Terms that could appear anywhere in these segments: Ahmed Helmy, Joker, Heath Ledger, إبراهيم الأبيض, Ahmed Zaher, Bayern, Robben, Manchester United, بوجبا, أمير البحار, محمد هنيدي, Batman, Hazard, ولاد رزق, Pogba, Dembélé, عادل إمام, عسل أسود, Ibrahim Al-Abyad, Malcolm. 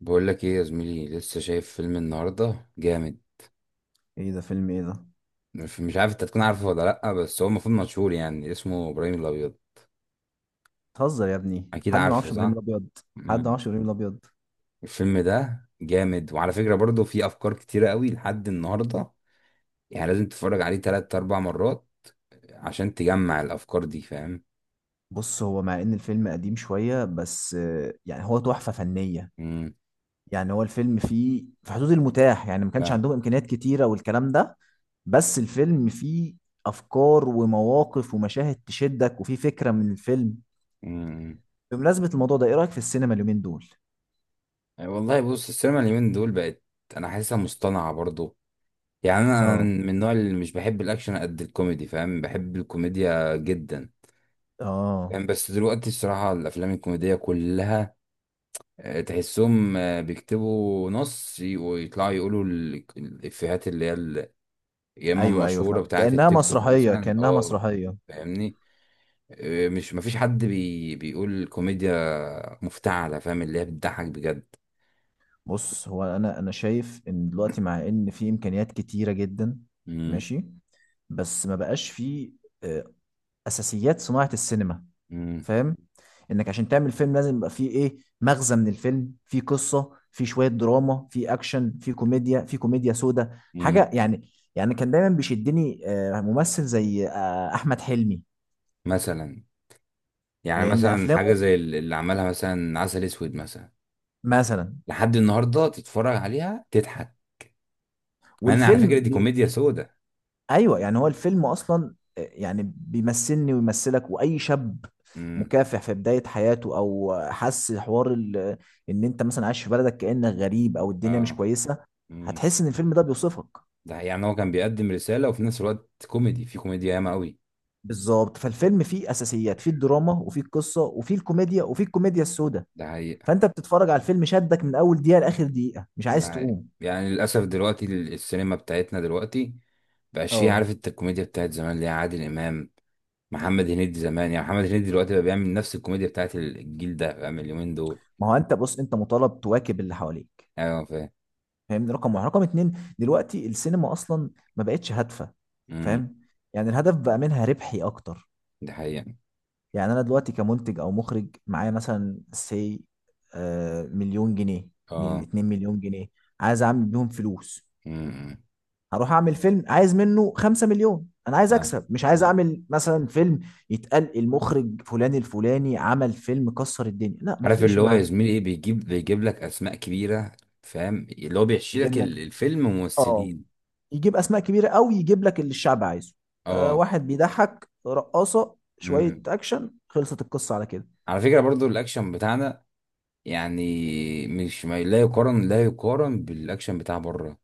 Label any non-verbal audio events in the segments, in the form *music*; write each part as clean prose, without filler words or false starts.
بقول لك ايه يا زميلي، لسه شايف فيلم النهارده جامد. ايه ده؟ فيلم ايه ده؟ مش عارف انت تكون عارفه ولا لا، بس هو المفروض مشهور، يعني اسمه ابراهيم الابيض. بتهزر يا ابني؟ اكيد حد ما عارفه، يعرفش ابراهيم صح؟ الابيض؟ حد ما مم. يعرفش ابراهيم الابيض! الفيلم ده جامد، وعلى فكره برضه في افكار كتيره قوي لحد النهارده. يعني لازم تتفرج عليه تلات اربع مرات عشان تجمع الافكار دي، فاهم؟ بص، هو مع ان الفيلم قديم شويه، بس يعني هو تحفه فنيه. امم. يعني هو الفيلم فيه في حدود المتاح، يعني ما كانش فاهم. عندهم امكانيات كتيره والكلام ده. بس الفيلم فيه افكار ومواقف ومشاهد تشدك، وفيه فكره من الفيلم. امم. بمناسبه الموضوع ده، ايه رايك في السينما اليومين دول؟ والله، بص، السينما اليومين دول بقت، انا حاسسها مصطنعه برضه. يعني انا اه. من النوع اللي مش بحب الاكشن قد الكوميدي، فاهم، بحب الكوميديا جدا. اه. يعني بس دلوقتي الصراحة الأفلام الكوميدية كلها، تحسهم بيكتبوا نص ويطلعوا يقولوا الإفيهات اللي هي يا إما ايوه، ايوه، المشهورة فهمت، بتاعة كانها التيك توك، مسرحيه، مثلا، كانها اه. مسرحيه. فاهمني. مش مفيش حد بيقول كوميديا مفتعلة، فاهم، اللي هي بتضحك بجد. بص، هو انا شايف ان دلوقتي مع ان في امكانيات كتيره جدا. مم. ماشي. بس ما بقاش في آه، اساسيات صناعه السينما. مم. فاهم؟ انك عشان تعمل فيلم، لازم يبقى فيه ايه مغزى من الفيلم، فيه قصه، فيه شويه دراما، فيه اكشن، فيه كوميديا، فيه كوميديا سودا، مم. حاجه يعني. يعني كان دايما بيشدني ممثل زي احمد حلمي. مثلا. يعني لان مثلا حاجة افلامه، زي اللي عملها مثلا عسل أسود مثلا. مثلا. لحد النهاردة تتفرج عليها تضحك. مع إن على فكرة والفيلم. دي كوميديا سودة. ايوه، يعني هو الفيلم اصلا يعني بيمثلني ويمثلك واي شاب مم. مكافح في بدايه حياته، او حس حوار ان انت مثلا عايش في بلدك كانك غريب، او الدنيا مش اه. كويسه. مم. هتحس ان الفيلم ده بيوصفك. ده حقيقي. يعني هو كان بيقدم رسالة، وفي نفس الوقت كوميدي، في كوميديا ياما قوي. بالظبط، فالفيلم فيه اساسيات، فيه الدراما، وفيه القصه، وفيه الكوميديا، وفيه الكوميديا السوداء. ده حقيقة. فانت بتتفرج على الفيلم، شدك من اول دقيقه لاخر دقيقه، مش ده عايز حقيقة. تقوم. يعني للأسف دلوقتي السينما بتاعتنا دلوقتي مبقاش فيها، اه. عارف انت، الكوميديا بتاعت زمان اللي هي عادل إمام، محمد هنيدي زمان. يعني محمد هنيدي دلوقتي بقى بيعمل نفس الكوميديا بتاعت الجيل ده، فاهم، اليومين دول. ما هو انت بص، انت مطالب تواكب اللي حواليك. أيوة، فاهم. فاهمني؟ رقم واحد، رقم اتنين، دلوقتي السينما اصلا ما بقتش هادفه. مم. فاهم؟ يعني الهدف بقى منها ربحي اكتر. ده حقيقة، يعني انا دلوقتي كمنتج او مخرج، معايا مثلا سي مليون جنيه، من اه. 2 مليون جنيه، عايز اعمل بيهم فلوس. مم. مم. هروح اعمل فيلم عايز منه 5 مليون، انا عايز فاهم. اكسب، مش عايز فاهم. اعمل مثلا فيلم يتقال المخرج فلان الفلاني عمل فيلم كسر الدنيا، لا، ما عارف يفرقش اللي هو يا معاه. زميلي ايه، بيجيب لك أسماء كبيرة، فاهم، اللي هو بيحشي لك يجيب لك. الفيلم اه. ممثلين. يجيب اسماء كبيره قوي، يجيب لك اللي الشعب عايزه. اه. واحد بيضحك، رقاصه، شويه مم. اكشن، خلصت القصه على كده. على فكرة برضو الاكشن بتاعنا، يعني مش ما لا يقارن، لا يقارن بالاكشن بتاع بره،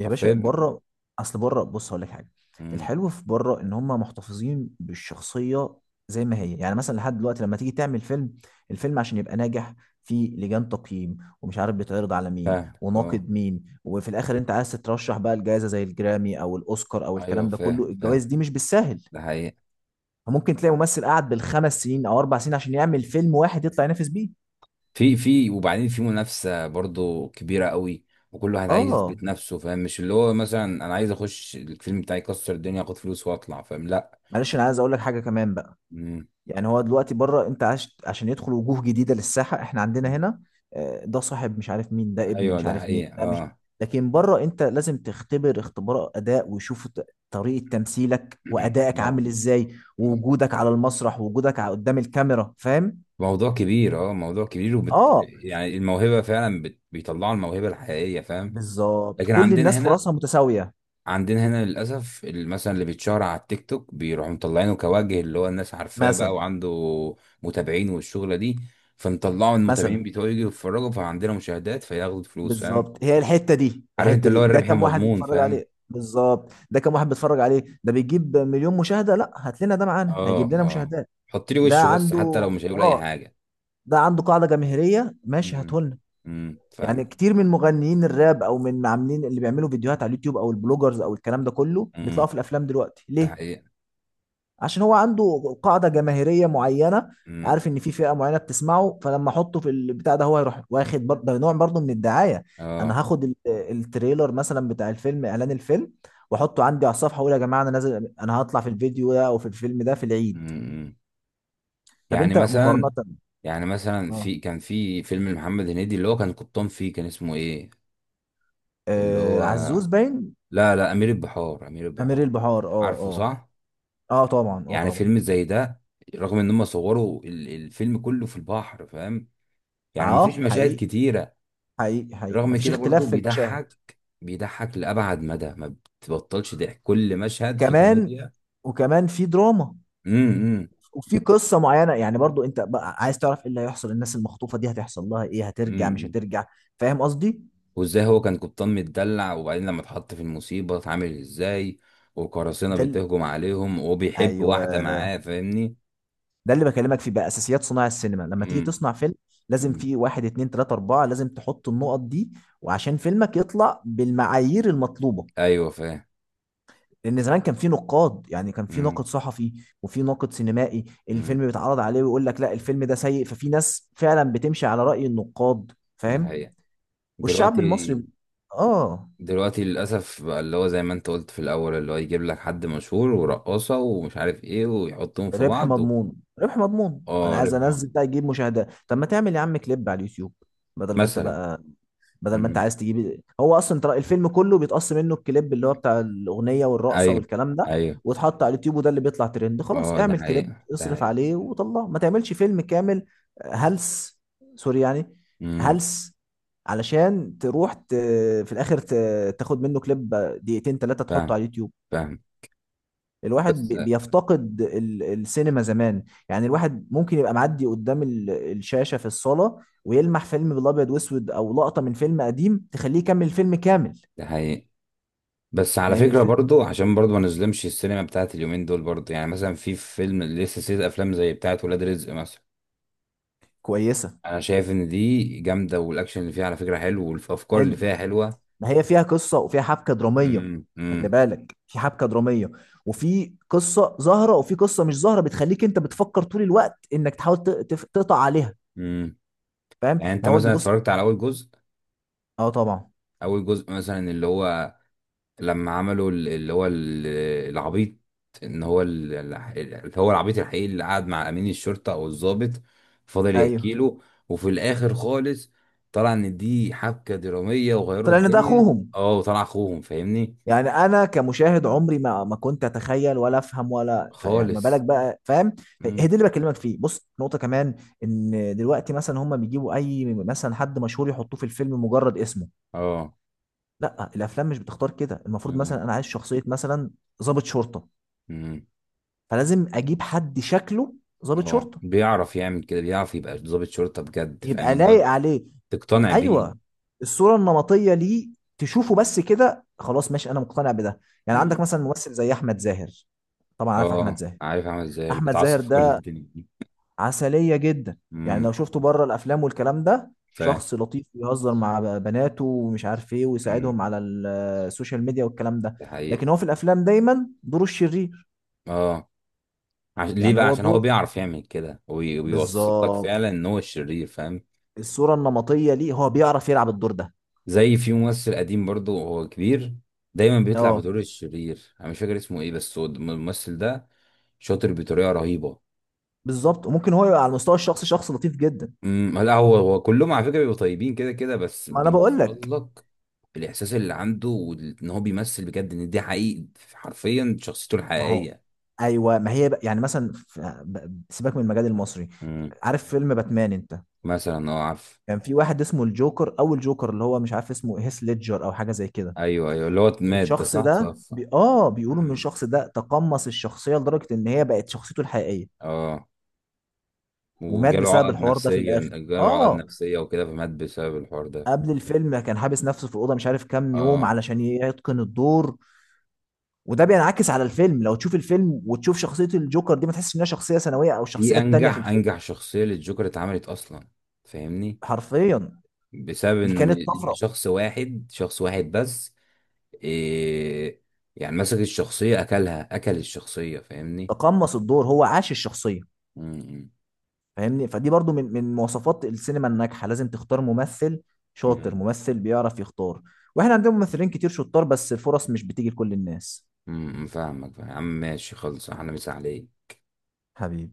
يا باشا، حرفيا. بره. اصل بره، بص هقول لك حاجه. امم. الحلو في بره ان هم محتفظين بالشخصيه زي ما هي. يعني مثلا لحد دلوقتي، لما تيجي تعمل فيلم، الفيلم عشان يبقى ناجح، في لجان تقييم ومش عارف بيتعرض على مين فاهمك، اه. وناقد مين، وفي الاخر انت عايز تترشح بقى الجائزه زي الجرامي او الاوسكار او ايوه، الكلام ده كله. فاهم. الجوائز فاهم. دي مش بالساهل. ده حقيقة. ممكن تلاقي ممثل قعد بالخمس سنين او اربع سنين عشان يعمل فيلم واحد يطلع ينافس بيه. في وبعدين في منافسة برضو كبيرة قوي، وكل واحد عايز اه. يثبت نفسه، فاهم، مش اللي هو مثلا انا عايز اخش الفيلم بتاعي يكسر الدنيا، اخد فلوس واطلع، فاهم، لا. معلش، انا عايز اقول لك حاجه كمان بقى. امم. يعني هو دلوقتي بره، انت عشان يدخل وجوه جديده للساحه. احنا عندنا أمم. هنا ده صاحب مش عارف مين، ده ابن ايوه، مش ده عارف مين، حقيقة، ده مش. اه. لكن بره، انت لازم تختبر اختبار اداء ويشوفوا طريقه تمثيلك *clears throat* وادائك اه. عامل ازاي، أمم. ووجودك على المسرح، ووجودك قدام الكاميرا. فاهم؟ موضوع كبير، اه، موضوع كبير، اه. يعني الموهبة فعلا، بيطلعوا الموهبة الحقيقية، فاهم. بالظبط، لكن كل عندنا الناس هنا، فرصها متساويه. للاسف مثلا اللي بيتشهر على التيك توك بيروحوا مطلعينه كوجه، اللي هو الناس عارفاه بقى، مثلا. وعنده متابعين والشغله دي، فنطلعوا المتابعين مثلا. بتوعه يجوا يتفرجوا، فعندنا مشاهدات فياخدوا فلوس، فاهم. بالظبط، هي الحته دي، عارف انت الحته اللي دي، هو ده الربح كم واحد المضمون، بيتفرج فاهم. عليه بالظبط؟ ده كم واحد بيتفرج عليه؟ ده بيجيب مليون مشاهده؟ لا، هات لنا ده، معانا اه. هيجيب لنا اه. مشاهدات. حط لي ده وشه بس حتى لو عنده، مش هيقول اي اه، حاجه. ده عنده قاعده جماهيريه، ماشي، امم. هاته لنا. امم، فاهم. يعني كتير من مغنيين الراب، او من عاملين اللي بيعملوا فيديوهات على اليوتيوب، او البلوجرز، او الكلام ده كله بيطلعوا امم. في الافلام دلوقتي. ده ليه؟ حقيقه. عشان هو عنده قاعدة جماهيرية معينة، امم. عارف ان في فئة معينة بتسمعه، فلما احطه في البتاع ده، هو هيروح واخد ده نوع برضه من الدعاية. اه. انا هاخد التريلر مثلا بتاع الفيلم، اعلان الفيلم، واحطه عندي على الصفحة، واقول يا جماعة انا نازل، انا هطلع في الفيديو ده او في الفيلم ده في العيد. امم. طب يعني انت، مقارنة. مثلا يعني مثلا اه، في كان في فيلم لمحمد هنيدي اللي هو كان قبطان، فيه كان اسمه ايه؟ اللي آه هو، عزوز باين. لا، لا، امير البحار، امير امير البحار. البحار. اه، عارفه، اه. صح؟ اه طبعا، اه يعني طبعا. فيلم زي ده، رغم ان هم صوروا الفيلم كله في البحر، فاهم، يعني مفيش اه، مشاهد حقيقي، كتيرة. حقيقي، حقيقي، رغم مفيش كده برضو اختلاف في المشاهد. بيضحك، بيضحك لأبعد مدى، ما بتبطلش ضحك، كل مشهد فيه كمان، كوميديا. وكمان في دراما، امم. امم. إمم. وفي قصه معينه، يعني برضو انت بقى عايز تعرف ايه اللي هيحصل، الناس المخطوفه دي هتحصل لها ايه، هترجع مش إمم. هترجع. فاهم قصدي؟ وازاي هو كان قبطان متدلع، وبعدين لما اتحط في المصيبة اتعامل ازاي، وقراصنة ده ال... بتهجم عليهم، وبيحب ايوه، واحدة معاه، فاهمني. ده اللي بكلمك فيه بقى، اساسيات صناع السينما، لما تيجي امم. تصنع فيلم، لازم إمم. في واحد اتنين تلاته اربعه، لازم تحط النقط دي. وعشان فيلمك يطلع بالمعايير المطلوبه. ايوه، فاهم. لان زمان كان في نقاد، يعني كان في إمم. ناقد صحفي وفي ناقد سينمائي، امم. الفيلم بيتعرض عليه ويقول لك لا الفيلم ده سيء. ففي ناس فعلا بتمشي على رأي النقاد. ده فاهم؟ حقيقة. والشعب دلوقتي المصري. اه، دلوقتي للأسف بقى اللي هو زي ما انت قلت في الأول، اللي هو يجيب لك حد مشهور ورقاصة ومش عارف ايه، ويحطهم في ربح بعض. مضمون، ربح مضمون، انا اه، عايز ربح انزل معجب. ده يجيب مشاهدات؟ طب ما تعمل يا عم كليب على اليوتيوب. بدل ما انت مثلا. بقى، بدل ما انت امم. عايز تجيب، هو اصلا ترى الفيلم كله بيتقص منه الكليب اللي هو بتاع الاغنيه والرقصه ايوه. والكلام ده، ايوه. واتحط على اليوتيوب، وده اللي بيطلع ترند. خلاص، اه. ده اعمل كليب، حقيقة. ده اصرف حقيقة. عليه وطلعه، ما تعملش فيلم كامل. هلس. سوري يعني. امم. هلس. علشان تروح في الاخر تاخد منه كليب دقيقتين ثلاثه تحطه على فاهم. اليوتيوب. فاهم. الواحد بس بيفتقد السينما زمان. يعني الواحد ممكن يبقى معدي قدام الشاشة في الصالة، ويلمح فيلم بالابيض واسود او لقطة من فيلم قديم تخليه يكمل الفيلم كامل. ده حقيقي. بس على لان فكرة الفيلم برضو عشان برضو ما نظلمش السينما بتاعت اليومين دول برضو، يعني مثلا في فيلم، لسه سلسلة أفلام زي بتاعت ولاد رزق مثلا. كويسة. أنا شايف إن دي جامدة، والأكشن اللي فيها على فكرة حلو، والأفكار اللي حلو. فيها حلوة. ما هي فيها قصة وفيها حبكة درامية. امم. خلي امم. بالك، في حبكة درامية، وفي قصة ظاهرة وفي قصة مش ظاهرة بتخليك انت بتفكر طول الوقت انك تحاول تقطع عليها. امم. فاهم؟ يعني انت ما هو دي مثلا بص. اتفرجت على اول جزء؟ اه طبعا. اول جزء مثلا اللي هو، لما عملوا اللي هو العبيط، ان هو اللي هو العبيط الحقيقي اللي قعد مع امين الشرطه او الضابط، فضل يحكي ايوه. له. وفي الاخر خالص طلع ان دي حبكه دراميه وغيروا طلع ان ده الدنيا. اخوهم. اه، وطلع اخوهم، فاهمني، يعني انا كمشاهد، عمري ما كنت اتخيل ولا افهم ولا يعني ما بالك خالص. بقى، فاهم؟ هي امم. دي اللي بكلمك فيه، بص، نقطه كمان، ان دلوقتي مثلا هم بيجيبوا اي مثلا حد مشهور يحطوه في الفيلم مجرد اسمه. اه. لا، الافلام مش بتختار كده. المفروض امم. مثلا انا عايز شخصيه مثلا ضابط شرطه، امم. فلازم اجيب حد شكله ضابط اه، شرطه بيعرف يعمل كده، بيعرف يبقى ضابط شرطه بجد، يبقى فاهمني، اللي هو لايق عليه. تقتنع بيه. ايوه. الصوره النمطيه ليه، تشوفه بس كده خلاص، ماشي، انا مقتنع بده. يعني عندك امم. مثلا ممثل زي احمد زاهر. طبعا عارف احمد اه، زاهر. عارف عامل ازاي اللي احمد زاهر بيتعصب في كل ده الدنيا دي. عسليه جدا. يعني لو امم، شفته بره الافلام والكلام ده، فاهم. شخص لطيف ويهزر مع بناته ومش عارف ايه، امم. ويساعدهم على السوشيال ميديا والكلام ده. دي لكن حقيقة. هو في الافلام دايما دوره الشرير. اه، عشان ليه يعني بقى؟ هو عشان هو الدور، بيعرف يعمل كده، وبيوسط لك بالظبط، فعلا ان هو الشرير، فاهم. الصوره النمطيه ليه، هو بيعرف يلعب الدور ده. زي في ممثل قديم برضو، هو كبير، دايما بيطلع اه، بدور الشرير، انا مش فاكر اسمه ايه، بس هو الممثل ده شاطر بطريقة رهيبة. بالظبط، وممكن هو يبقى على المستوى الشخصي شخص لطيف جدا. امم. لا، هو كلهم على فكرة بيبقوا طيبين كده كده، بس ما انا بقول بيوصل لك. لك الاحساس اللي عنده، وان هو بيمثل بجد، ان دي حقيقي، حرفيا شخصيته ما هو. الحقيقية. ايوه، ما هي بقى. يعني مثلا سيبك من المجال المصري. مم. عارف فيلم باتمان انت؟ مثلا، اه، عارف. كان في واحد اسمه الجوكر، او الجوكر اللي هو مش عارف اسمه هيث ليدجر او حاجه زي كده. ايوه، ايوه، اللي هو مات ده، صح، توفى. اه، بيقولوا ان مم. الشخص ده تقمص الشخصيه لدرجه ان هي بقت شخصيته الحقيقيه، اه، ومات وجاله بسبب عقد الحوار ده في نفسية، الاخر. جاله عقد اه. نفسية وكده، فمات بسبب الحوار ده. قبل الفيلم كان حابس نفسه في الاوضه مش عارف كام يوم اه. علشان يتقن الدور. وده بينعكس على الفيلم، لو تشوف الفيلم وتشوف شخصيه الجوكر دي، ما تحسش انها شخصيه ثانويه او الشخصيه دي التانيه في انجح الفيلم. انجح شخصية للجوكر اتعملت اصلا، فاهمني. حرفيا. بسبب دي ان كانت ان طفره. شخص واحد، شخص واحد بس. إيه. يعني مسك الشخصية اكلها، اكل الشخصية، فاهمني. تقمص الدور، هو عاش الشخصيه. امم. فاهمني؟ فدي برضو من مواصفات السينما الناجحه، لازم تختار ممثل شاطر، ممثل بيعرف يختار. واحنا عندنا ممثلين كتير شطار، بس الفرص مش بتيجي لكل الناس. امم، فاهمك، فاهم. يا عم ماشي، خلص، احنا مسا عليك. حبيبي.